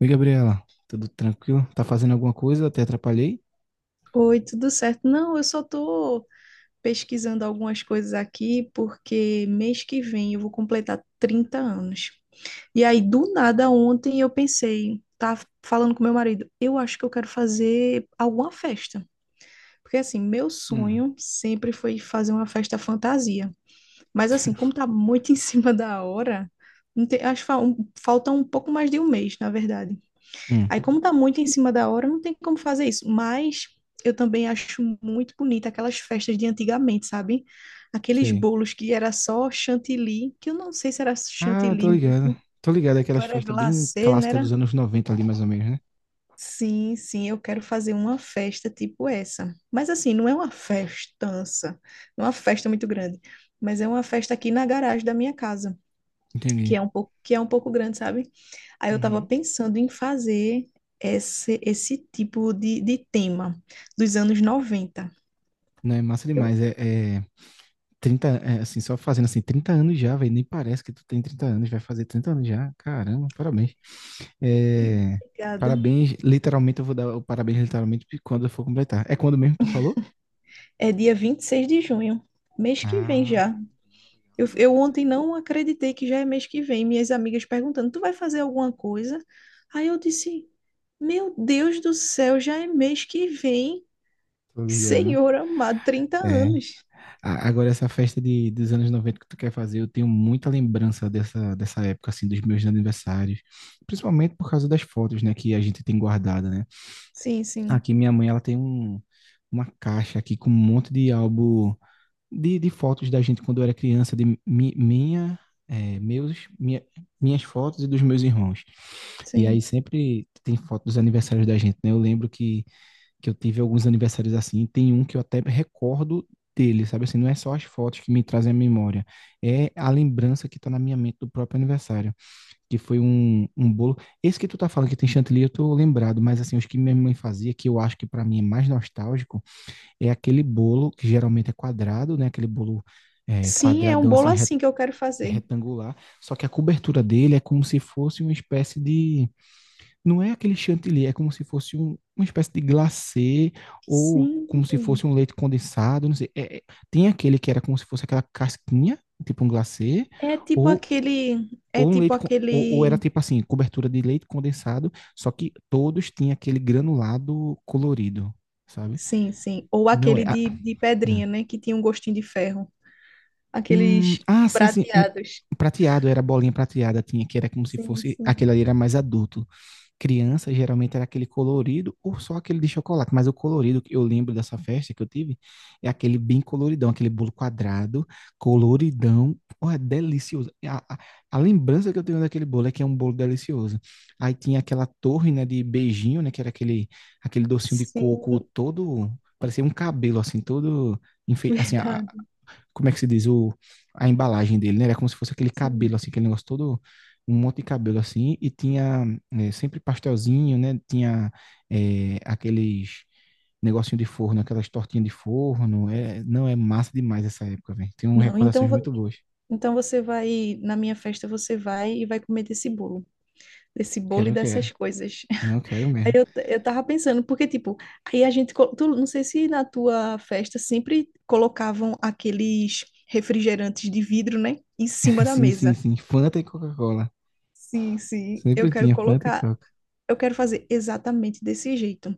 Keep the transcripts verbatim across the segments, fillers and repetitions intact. Oi, Gabriela, tudo tranquilo? Tá fazendo alguma coisa? Até atrapalhei? Oi, tudo certo? Não, eu só estou pesquisando algumas coisas aqui porque mês que vem eu vou completar trinta anos. E aí, do nada, ontem eu pensei, tá falando com meu marido, eu acho que eu quero fazer alguma festa. Porque assim, meu Hum. sonho sempre foi fazer uma festa fantasia. Mas assim, como tá muito em cima da hora, não tem- acho que fa- um- falta um pouco mais de um mês, na verdade. Hum, Aí, como tá muito em cima da hora, não tem como fazer isso. Mas eu também acho muito bonita aquelas festas de antigamente, sabe? Aqueles sei. bolos que era só chantilly, que eu não sei se era Ah, chantilly tô ligado. mesmo, Tô ligado, ou aquelas era festas bem glacê, né? clássicas Era. dos anos noventa ali, mais ou menos, né? Sim, sim, eu quero fazer uma festa tipo essa. Mas assim, não é uma festança, não é uma festa muito grande, mas é uma festa aqui na garagem da minha casa, que Entendi. é um pouco, que é um pouco grande, sabe? Aí eu estava Uhum. pensando em fazer esse, esse tipo de, de tema dos anos noventa. Não, é massa Eu, demais. É, é... trinta é, assim, só fazendo assim, trinta anos já, velho. Nem parece que tu tem trinta anos, vai fazer trinta anos já. Caramba, parabéns. É, Obrigada. parabéns, literalmente, eu vou dar o parabéns literalmente quando eu for completar. É quando mesmo que tu falou? É dia vinte e seis de junho, mês que vem Ah, já. Eu, legal. eu ontem não acreditei que já é mês que vem. Minhas amigas perguntando: tu vai fazer alguma coisa? Aí eu disse: meu Deus do céu, já é mês que vem. Tô ligado. Senhor amado, trinta É. anos. A- Agora, essa festa de, dos anos noventa que tu quer fazer, eu tenho muita lembrança dessa, dessa época, assim, dos meus aniversários. Principalmente por causa das fotos, né, que a gente tem guardada, né? Sim, sim, Aqui, minha mãe, ela tem um, uma caixa aqui com um monte de álbum de, de fotos da gente quando eu era criança, de mi- minha, é, meus, minha- minhas fotos e dos meus irmãos. E aí sim. sempre tem foto dos aniversários da gente, né? Eu lembro que, que eu tive alguns aniversários assim, tem um que eu até recordo dele, sabe assim, não é só as fotos que me trazem a memória, é a lembrança que tá na minha mente do próprio aniversário, que foi um, um bolo, esse que tu tá falando que tem chantilly, eu tô lembrado, mas assim, os que minha mãe fazia, que eu acho que para mim é mais nostálgico, é aquele bolo que geralmente é quadrado, né? Aquele bolo é, Sim, é um quadradão bolo assim re- assim que eu quero fazer. retangular, só que a cobertura dele é como se fosse uma espécie de, não é aquele chantilly, é como se fosse um- uma espécie de glacê ou como se Sim. fosse um leite condensado, não sei. É- é- tem aquele que era como se fosse aquela casquinha, tipo um glacê, É tipo ou aquele, é Ou um tipo leite, con- ou, ou era aquele, tipo assim, cobertura de leite condensado, só que todos tinham aquele granulado colorido, sabe? sim, sim, ou Não é. aquele a- de, de Hum. pedrinha, né, que tinha um gostinho de ferro, aqueles Ah, sim, sim. Um prateados. prateado, era bolinha prateada, tinha que era como se Sim, fosse, sim. aquele ali era mais adulto. Criança, geralmente era aquele colorido ou só aquele de chocolate, mas o colorido que eu lembro dessa festa que eu tive é aquele bem coloridão, aquele bolo quadrado, coloridão. Oh, é delicioso. E A, a, a lembrança que eu tenho daquele bolo é que é um bolo delicioso. Aí tinha aquela torre, né, de beijinho, né, que era aquele, aquele docinho de Sim, coco todo, parecia um cabelo, assim, todo enfei- assim, a- verdade. como é que se diz, o, a embalagem dele, né? Era como se fosse aquele Sim. cabelo, assim, aquele negócio todo, um monte de cabelo, assim, e tinha é, sempre pastelzinho, né? Tinha é, aqueles negocinho de forno, aquelas tortinhas de forno. É, não, é massa demais essa época, velho. Tem umas Não, então, recordações vo- muito boas. então você vai, na minha festa você vai e vai comer desse bolo, desse bolo e Quero, dessas quero. coisas. Não, quero Aí mesmo. eu, t- eu tava pensando, porque tipo, aí a gente, co- tu, não sei se na tua festa sempre colocavam aqueles refrigerantes de vidro, né, em cima da Sim, sim, mesa. sim. Fanta e Coca-Cola. Sim, sim, eu Sempre quero tinha Fanta e colocar, Coca. eu quero fazer exatamente desse jeito.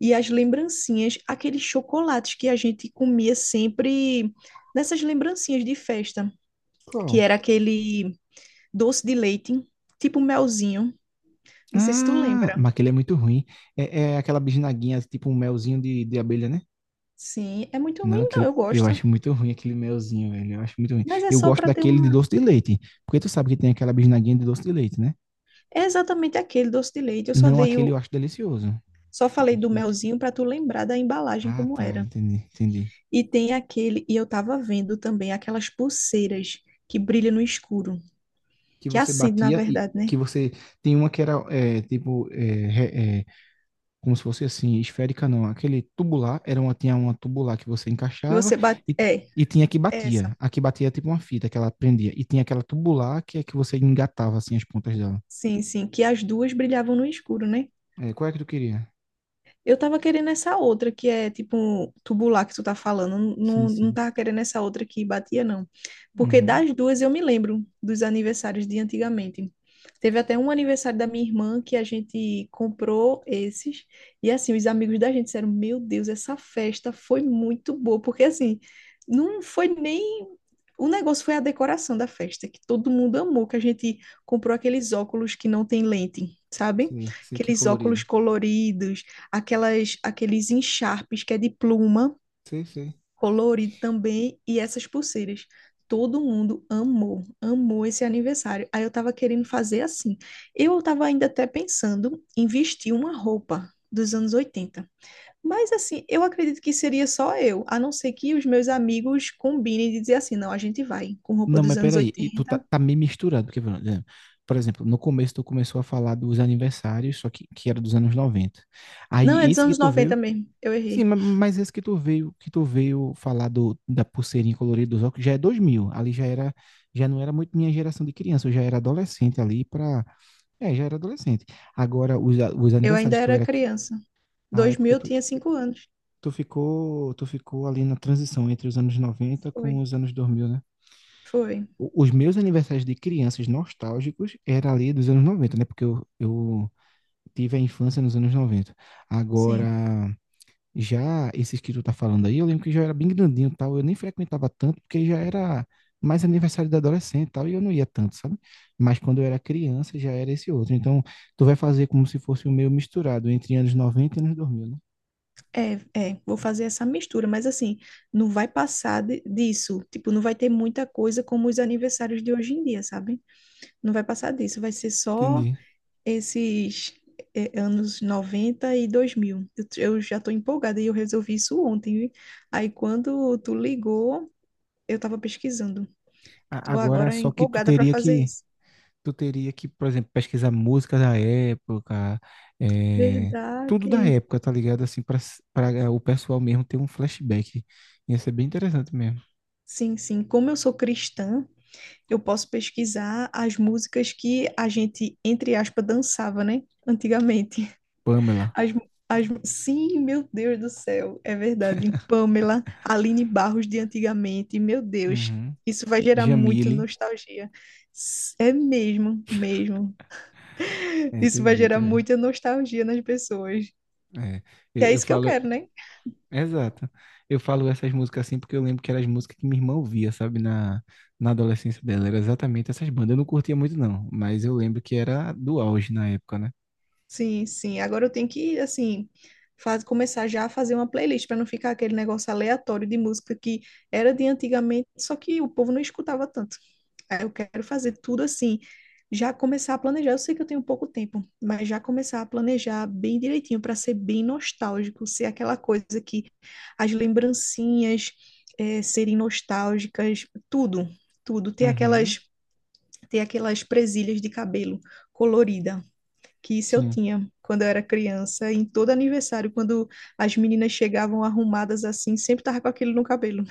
E as lembrancinhas, aqueles chocolates que a gente comia sempre nessas lembrancinhas de festa, que Qual? era aquele doce de leite, tipo melzinho. Não sei se tu Ah, lembra. mas aquele é muito ruim. É, é aquela bisnaguinha, tipo um melzinho de, de abelha, né? Sim, é muito Não, ruim, não, aquele, eu eu gosto. acho muito ruim aquele melzinho, velho. Eu acho muito ruim. Mas é Eu só gosto para ter daquele de uma. doce de leite, porque tu sabe que tem aquela bisnaguinha de doce de leite, né? É exatamente aquele doce de leite. Eu só Não dei aquele eu o... acho delicioso. Só O falei doce do de leite. melzinho para tu lembrar da embalagem Ah, como tá, era. entendi, entendi. E tem aquele, e eu tava vendo também aquelas pulseiras que brilham no escuro, Que que você acende, na batia e verdade, né? que você tem uma que era é, tipo é, re- é, como se fosse assim esférica, não. Aquele tubular era uma tinha uma tubular que você Que encaixava você bate. e É, E tinha que essa. batia. A que batia é tipo uma fita que ela prendia. E tinha aquela tubular que é que você engatava assim as pontas dela. Sim, sim, que as duas brilhavam no escuro, né? É, qual é que tu queria? Eu tava querendo essa outra, que é tipo um tubular que tu tá falando. Sim, Não, não sim. tava querendo essa outra que batia, não. Porque Uhum. das duas eu me lembro dos aniversários de antigamente. Teve até um aniversário da minha irmã que a gente comprou esses. E assim, os amigos da gente disseram: Meu Deus, essa festa foi muito boa. Porque assim, não foi nem. O negócio foi a decoração da festa, que todo mundo amou, que a gente comprou aqueles óculos que não tem lente, sabe? Sei, sei que é Aqueles colorido. óculos coloridos aquelas, aqueles encharpes que é de pluma, Sei, sei. colorido também, e essas pulseiras. Todo mundo amou, amou esse aniversário. Aí eu tava querendo fazer assim. Eu tava ainda até pensando em vestir uma roupa dos anos oitenta. Mas assim, eu acredito que seria só eu, a não ser que os meus amigos combinem de dizer assim, não, a gente vai com roupa Não, dos mas anos peraí, e tu tá, oitenta tá meio misturado, porque, por exemplo, por exemplo, no começo tu começou a falar dos aniversários, só que, que era dos anos noventa. Não, é Aí dos esse que anos tu noventa veio, mesmo. Eu sim, errei. ma- mas esse que tu veio, que tu veio falar do, da pulseirinha colorida dos óculos, já é dois mil ali já era, já não era muito minha geração de criança, eu já era adolescente ali pra, é, já era adolescente. Agora, os, a- os Eu ainda aniversários que eu era era, cri- criança. ah, é porque dois mil eu tu, tinha cinco anos. Tu ficou, tu ficou ali na transição entre os anos noventa com Foi. os anos dois mil, né? Foi. O- Os meus aniversários de crianças nostálgicos era ali dos anos noventa, né? Porque eu, eu tive a infância nos anos noventa. Agora, Sim. já esses que tu tá falando aí, eu lembro que já era bem grandinho e tal. Eu nem frequentava tanto, porque já era mais aniversário de adolescente e tal, e eu não ia tanto, sabe? Mas quando eu era criança, já era esse outro. Então, tu vai fazer como se fosse o meu misturado entre anos noventa e anos dois mil, né? É, é, vou fazer essa mistura, mas assim, não vai passar de- disso. Tipo, não vai ter muita coisa como os aniversários de hoje em dia, sabe? Não vai passar disso, vai ser só Entendi. esses é, anos noventa e dois mil. Eu, t- eu já tô empolgada e eu resolvi isso ontem. Viu? Aí quando tu ligou, eu tava pesquisando. Eu A- tô Agora, agora só que tu empolgada para teria fazer que isso. tu teria que, por exemplo, pesquisar música da época, eh, tudo Verdade. da época, tá ligado? Assim, para para o pessoal mesmo ter um flashback. Ia ser bem interessante mesmo. Sim, sim. Como eu sou cristã, eu posso pesquisar as músicas que a gente, entre aspas, dançava, né? Antigamente. Pamela, As, as, sim, meu Deus do céu, é verdade. Pamela, Aline Barros de antigamente, meu Deus. uhum. Isso vai gerar muita Jamile, nostalgia. S- É mesmo, mesmo. é, tem Isso vai gerar muita, velho. muita nostalgia nas pessoas. É, Que eu, é eu isso que eu falo, quero, né? exato. Eu falo essas músicas assim porque eu lembro que eram as músicas que minha irmã ouvia, sabe, na, na adolescência dela. Era exatamente essas bandas. Eu não curtia muito, não, mas eu lembro que era do auge na época, né? Sim, sim. Agora eu tenho que, assim, faz, começar já a fazer uma playlist para não ficar aquele negócio aleatório de música que era de antigamente, só que o povo não escutava tanto. Aí eu quero fazer tudo assim, já começar a planejar. Eu sei que eu tenho pouco tempo, mas já começar a planejar bem direitinho para ser bem nostálgico, ser aquela coisa que as lembrancinhas eh, serem nostálgicas, tudo, tudo. Ter Uhum, aquelas, ter aquelas presilhas de cabelo colorida que isso eu sim. tinha quando eu era criança, em todo aniversário, quando as meninas chegavam arrumadas assim, sempre tava com aquilo no cabelo.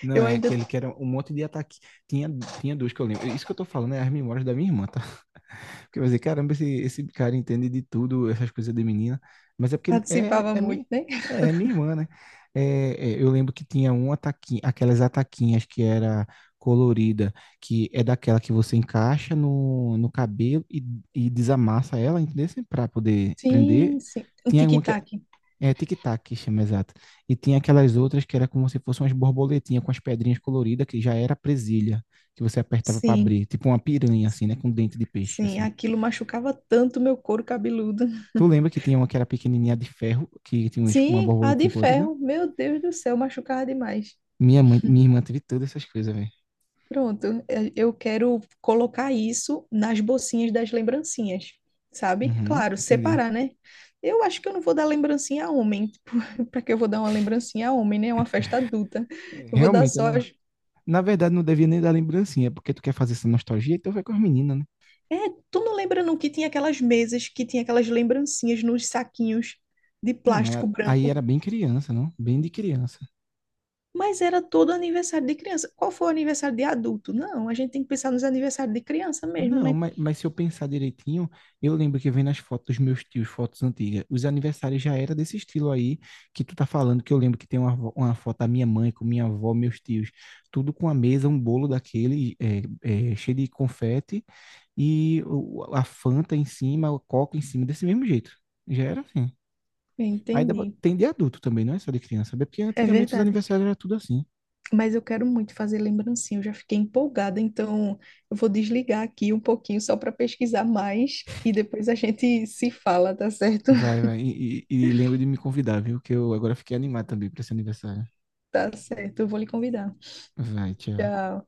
Não, Eu é ainda aquele que era um monte de ataque. Tinha, tinha duas que eu lembro. Isso que eu tô falando é as memórias da minha irmã, tá? Porque eu vou dizer, caramba, esse, esse cara entende de tudo, essas coisas de menina. Mas é porque é, participava é, muito, minha, né? é é minha irmã, né? É, é, eu lembro que tinha um ataquinho, aquelas ataquinhas que era colorida, que é daquela que você encaixa no, no cabelo e, e desamassa ela, entendeu? Pra poder prender. Sim, sim. Um Tinha uma que tic-tac. é, tic-tac que chama, exato. E tinha aquelas outras que era como se fossem umas borboletinhas com as pedrinhas coloridas, que já era presilha, que você apertava para Sim, abrir. Tipo uma piranha, assim, né? sim, Com dente de peixe, sim. assim. Aquilo machucava tanto meu couro cabeludo. Tu lembra que tinha uma que era pequenininha de ferro, que tinha uns- uma Sim, a de borboletinha colorida? ferro. Meu Deus do céu, machucava demais. Minha mãe, minha irmã teve todas essas coisas, velho. Pronto, eh, eu quero colocar isso nas bolsinhas das lembrancinhas, sabe? Uhum, Claro, entendi. separar, né? Eu acho que eu não vou dar lembrancinha a homem, tipo para que eu vou dar uma lembrancinha a homem, né? É uma festa adulta. É, Eu vou dar realmente, eu só não- as. na verdade, não devia nem dar lembrancinha, porque tu quer fazer essa nostalgia, então vai com as meninas, né? É, tu não lembra não que tinha aquelas mesas que tinha aquelas lembrancinhas nos saquinhos de Não, mas plástico aí branco, era bem criança, não? Bem de criança. mas era todo aniversário de criança. Qual foi o aniversário de adulto? Não, a gente tem que pensar nos aniversários de criança mesmo, Não, né? mas, mas se eu pensar direitinho, eu lembro que vem nas fotos dos meus tios, fotos antigas, os aniversários já era desse estilo aí que tu tá falando, que eu lembro que tem uma, vo- uma foto da minha mãe com minha avó, meus tios, tudo com a mesa, um bolo daquele é, é, cheio de confete e o- a Fanta em cima, o Coca em cima, desse mesmo jeito. Já era assim. Aí dá pra- Entendi. tem de adulto também, não é só de criança, sabe? É porque É antigamente os verdade. aniversários era tudo assim. Mas eu quero muito fazer lembrancinha, eu já fiquei empolgada, então eu vou desligar aqui um pouquinho só para pesquisar mais e depois a gente se fala, tá certo? Vai, vai. E, e, e lembra de me convidar, viu? Que eu agora fiquei animado também pra esse aniversário. Tá certo, eu vou lhe convidar. Vai, tchau. Tchau.